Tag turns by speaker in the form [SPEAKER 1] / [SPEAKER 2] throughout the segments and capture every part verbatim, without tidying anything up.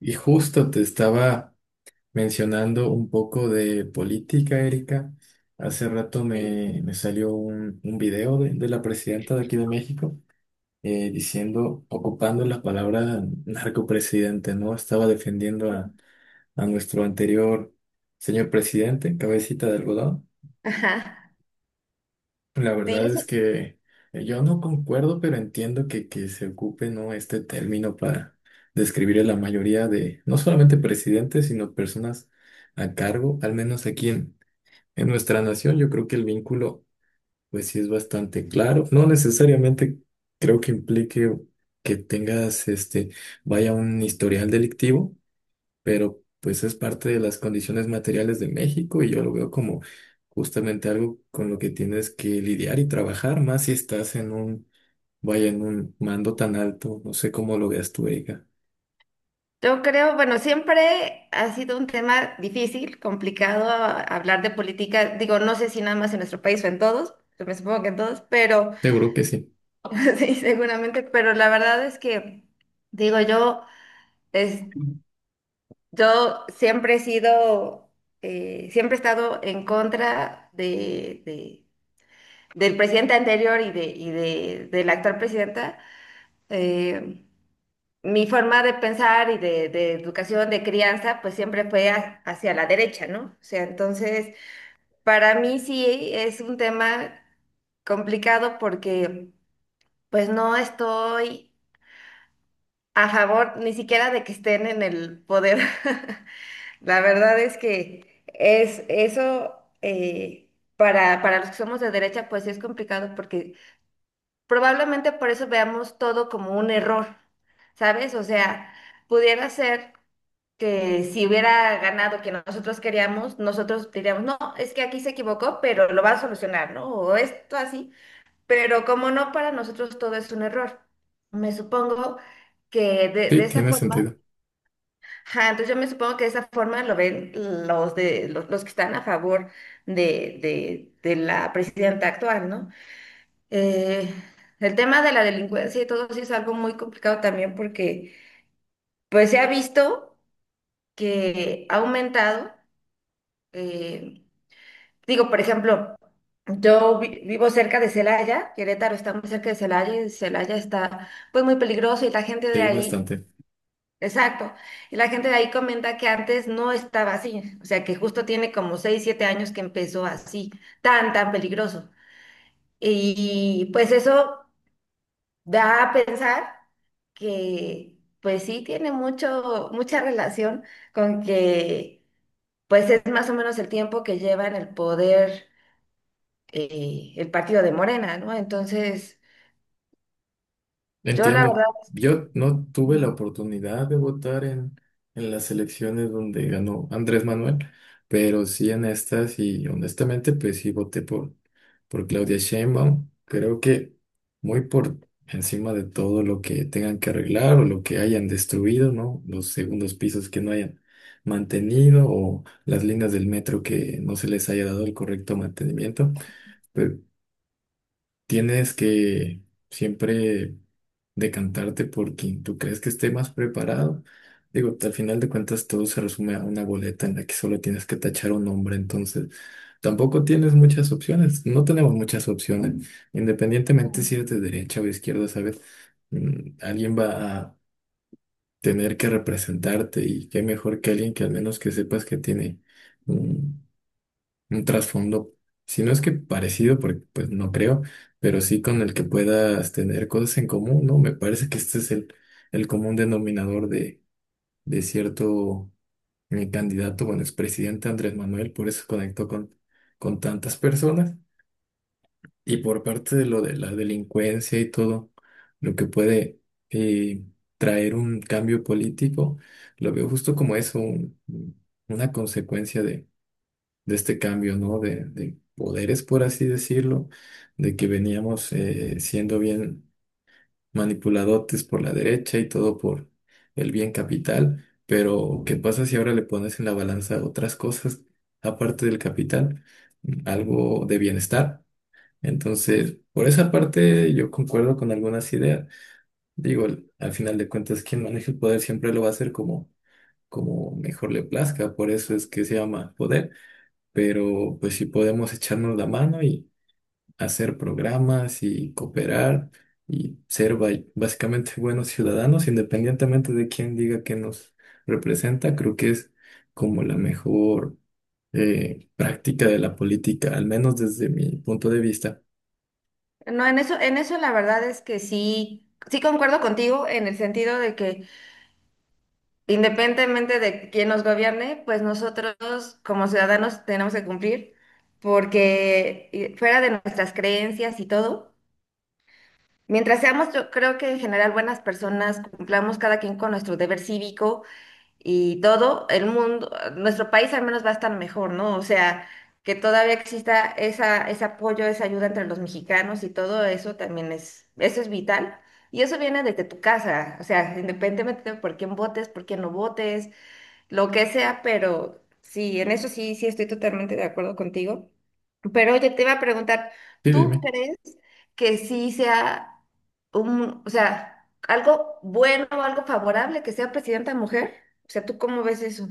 [SPEAKER 1] Y justo te estaba mencionando un poco de política, Erika. Hace rato
[SPEAKER 2] Sí.
[SPEAKER 1] me, me salió un, un video de, de la presidenta de aquí de México eh, diciendo, ocupando la palabra narcopresidente, ¿no? Estaba defendiendo a, a nuestro anterior señor presidente, cabecita de algodón.
[SPEAKER 2] Ajá.
[SPEAKER 1] La
[SPEAKER 2] Sí,
[SPEAKER 1] verdad es
[SPEAKER 2] eso-
[SPEAKER 1] que eh, yo no concuerdo, pero entiendo que, que se ocupe, ¿no?, este término para describir a la mayoría de, no solamente presidentes, sino personas a cargo, al menos aquí en, en nuestra nación. Yo creo que el vínculo pues sí es bastante claro. No necesariamente creo que implique que tengas, este, vaya, un historial delictivo, pero pues es parte de las condiciones materiales de México y yo lo veo como justamente algo con lo que tienes que lidiar y trabajar, más si estás en un, vaya, en un mando tan alto. No sé cómo lo veas tú, Erika.
[SPEAKER 2] yo creo, bueno, siempre ha sido un tema difícil, complicado a- hablar de política. Digo, no sé si nada más en nuestro país o en todos, yo me supongo que en todos, pero
[SPEAKER 1] Seguro que sí.
[SPEAKER 2] sí, seguramente, pero la verdad es que, digo, yo, es, yo siempre he sido, eh, siempre he estado en contra de, de- del presidente anterior y de, y de, de la actual presidenta. Eh, Mi forma de pensar y de, de educación, de crianza, pues siempre fue ha- hacia la derecha, ¿no? O sea, entonces, para mí sí es un tema complicado porque pues no estoy a favor ni siquiera de que estén en el poder. La verdad es que es eso eh, para, para los que somos de derecha, pues es complicado porque probablemente por eso veamos todo como un error, ¿sabes? O sea, pudiera ser. Que si hubiera ganado que nosotros queríamos, nosotros diríamos, no, es que aquí se equivocó, pero lo va a solucionar, ¿no? O esto así, pero como no, para nosotros todo es un error. Me supongo que de,
[SPEAKER 1] Sí,
[SPEAKER 2] de esa
[SPEAKER 1] tiene
[SPEAKER 2] forma,
[SPEAKER 1] sentido.
[SPEAKER 2] ajá, entonces yo me supongo que de esa forma lo ven los, de, los, los que están a favor de, de, de la presidenta actual, ¿no? Eh, el tema de la delincuencia y todo sí es algo muy complicado también porque pues se ha visto que ha aumentado. Eh, Digo, por ejemplo, yo vi- vivo cerca de Celaya, Querétaro está muy cerca de Celaya y Celaya está pues muy peligroso y la gente de
[SPEAKER 1] Sí,
[SPEAKER 2] ahí,
[SPEAKER 1] bastante.
[SPEAKER 2] exacto, y la gente de ahí comenta que antes no estaba así, o sea que justo tiene como seis siete años que empezó así, tan, tan peligroso. Y pues eso da a pensar que pues sí tiene mucho, mucha relación con que pues es más o menos el tiempo que lleva en el poder, eh, el partido de Morena, ¿no? Entonces, yo la verdad,
[SPEAKER 1] Entiendo. Yo no tuve la oportunidad de votar en, en las elecciones donde ganó Andrés Manuel, pero sí en estas y honestamente pues sí voté por, por Claudia Sheinbaum. Creo que muy por encima de todo lo que tengan que arreglar o lo que hayan destruido, ¿no? Los segundos pisos que no hayan mantenido o las líneas del metro que no se les haya dado el correcto mantenimiento. Pues tienes que siempre decantarte por quien tú crees que esté más preparado. Digo, al final de cuentas todo se resume a una boleta en la que solo tienes que tachar un nombre, entonces tampoco tienes muchas opciones, no tenemos muchas opciones, independientemente si eres de derecha o izquierda, ¿sabes? Mm, alguien va a tener que representarte y qué mejor que alguien que al menos que sepas que tiene un trasfondo, si no es que parecido, porque pues no creo, pero sí con el que puedas tener cosas en común, ¿no? Me parece que este es el, el común denominador de, de cierto eh, candidato, bueno, expresidente Andrés Manuel, por eso conectó con, con tantas personas. Y por parte de lo de la delincuencia y todo, lo que puede eh, traer un cambio político, lo veo justo como eso, un- una consecuencia de este cambio, ¿no? De, de poderes, por así decirlo, de que veníamos eh, siendo bien manipuladotes por la derecha y todo por el bien capital, pero ¿qué pasa si ahora le pones en la balanza otras cosas aparte del capital? Algo de bienestar. Entonces, por esa parte yo concuerdo con algunas ideas. Digo, al final de cuentas, quien maneja el poder siempre lo va a hacer como, como mejor le plazca, por eso es que se llama poder, pero pues si podemos echarnos la mano y hacer programas y cooperar y ser ba- básicamente buenos ciudadanos, independientemente de quién diga que nos representa, creo que es como la mejor eh, práctica de la política, al menos desde mi punto de vista.
[SPEAKER 2] no, en eso, en eso la verdad es que sí, sí concuerdo contigo en el sentido de que independientemente de quién nos gobierne, pues nosotros como ciudadanos tenemos que cumplir, porque eh, fuera de nuestras creencias y todo, mientras seamos, yo creo que en general buenas personas, cumplamos cada quien con nuestro deber cívico y todo el mundo, nuestro país al menos va a estar mejor, ¿no? O sea, que todavía exista esa, ese apoyo, esa ayuda entre los mexicanos y todo eso también es, eso es vital. Y eso viene desde tu casa, o sea, independientemente de por quién votes, por quién no votes, lo que sea, pero sí, en eso sí, sí estoy totalmente de acuerdo contigo. Pero oye, te iba a preguntar,
[SPEAKER 1] Sí,
[SPEAKER 2] ¿tú
[SPEAKER 1] dime.
[SPEAKER 2] crees que sí sea un, o sea, algo bueno o algo favorable que sea presidenta mujer? O sea, ¿tú cómo ves eso?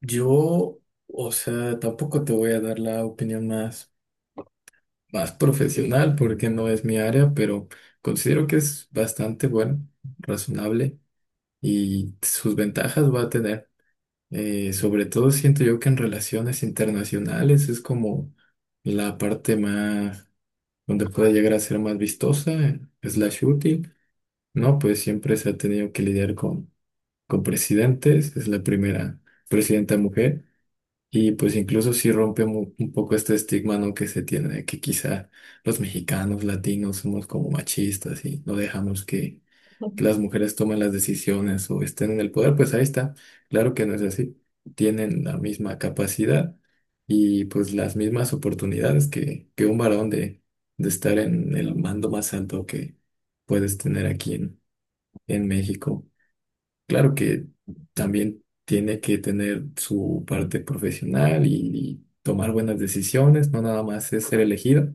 [SPEAKER 1] Yo, o sea, tampoco te voy a dar la opinión más, más profesional porque no es mi área, pero considero que es bastante bueno, razonable. Y sus ventajas va a tener. Eh, sobre todo siento yo que en relaciones internacionales es como la parte más donde puede llegar a ser más vistosa, slash útil, ¿no? Pues siempre se ha tenido que lidiar con, con presidentes, es la primera presidenta mujer. Y pues incluso sí rompe mu- un poco este estigma, ¿no?, que se tiene de que quizá los mexicanos, latinos, somos como machistas y no dejamos que, que las mujeres toman las decisiones o estén en el poder, pues ahí está. Claro que no es así. Tienen la misma capacidad y pues las mismas oportunidades que, que un varón de, de estar en el mando más alto que puedes tener aquí en, en México. Claro que también tiene que tener su parte profesional y, y tomar buenas decisiones, no nada más es ser elegido.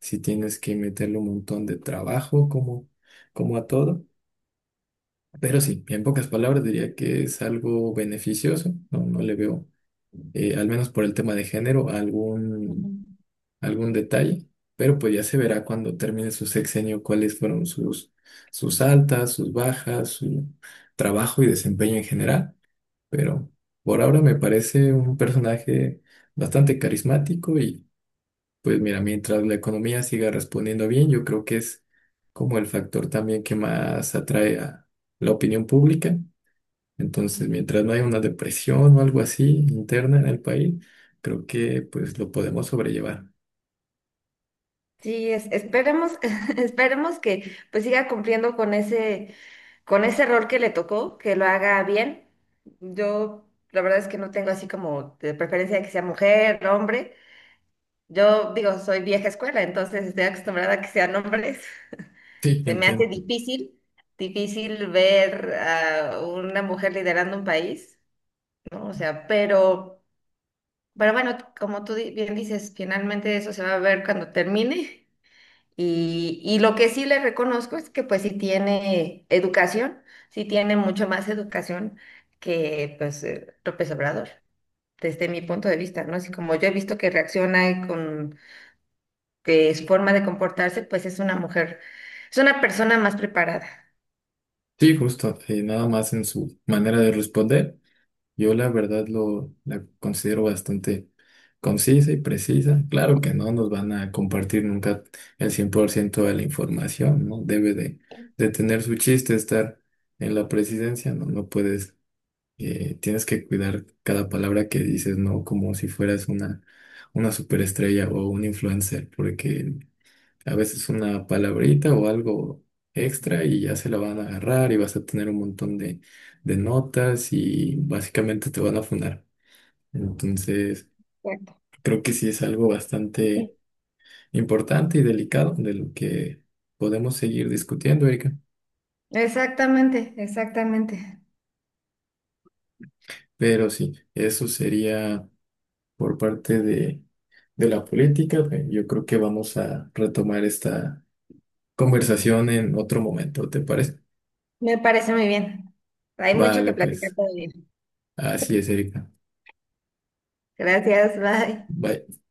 [SPEAKER 1] Si tienes que meterle un montón de trabajo como, como a todo. Pero sí, en pocas palabras diría que es algo beneficioso. No, no le veo, eh, al menos por el tema de género,
[SPEAKER 2] Ujú.
[SPEAKER 1] algún, algún detalle, pero pues ya se verá cuando termine su sexenio cuáles fueron sus, sus altas, sus bajas, su trabajo y desempeño en general, pero por ahora me parece un personaje bastante carismático y pues mira, mientras la economía siga respondiendo bien, yo creo que es como el factor también que más atrae a la opinión pública. Entonces, mientras no haya una depresión o algo así interna en el país, creo que pues lo podemos sobrellevar.
[SPEAKER 2] Sí, es- esperemos, esperemos que pues siga cumpliendo con ese, con ese rol que le tocó, que lo haga bien. Yo la verdad es que no tengo así como de preferencia de que sea mujer, hombre. Yo digo, soy vieja escuela, entonces estoy acostumbrada a que sean hombres.
[SPEAKER 1] Sí,
[SPEAKER 2] Se me hace
[SPEAKER 1] entiendo.
[SPEAKER 2] difícil, difícil ver a una mujer liderando un país, ¿no? O sea, pero, pero bueno, como tú di- bien dices, finalmente eso se va a ver cuando termine. Y, y lo que sí le reconozco es que pues sí tiene educación, sí tiene mucho más educación que pues eh, López Obrador, desde mi punto de vista, ¿no? Así como yo he visto que reacciona con que es forma de comportarse, pues es una mujer, es una persona más preparada.
[SPEAKER 1] Sí, justo. Eh, nada más en su manera de responder, yo la verdad lo la considero bastante concisa y precisa. Claro que no nos van a compartir nunca el cien por ciento de la información, ¿no? Debe de, de tener su chiste estar en la presidencia, ¿no? No puedes eh, tienes que cuidar cada palabra que dices, ¿no? Como si fueras una, una superestrella o un influencer, porque a veces una palabrita o algo extra y ya se la van a agarrar y vas a tener un montón de, de notas y básicamente te van a funar. Entonces,
[SPEAKER 2] Exacto.
[SPEAKER 1] creo que sí es algo bastante importante y delicado de lo que podemos seguir discutiendo, Erika.
[SPEAKER 2] Exactamente, exactamente.
[SPEAKER 1] Pero sí, eso sería... por parte de, de la política, pues, yo creo que vamos a retomar esta conversación en otro momento, ¿te parece?
[SPEAKER 2] Me parece muy bien. Hay mucho
[SPEAKER 1] Vale,
[SPEAKER 2] que platicar
[SPEAKER 1] pues
[SPEAKER 2] todavía.
[SPEAKER 1] así es, Erika.
[SPEAKER 2] Gracias, bye.
[SPEAKER 1] Bye.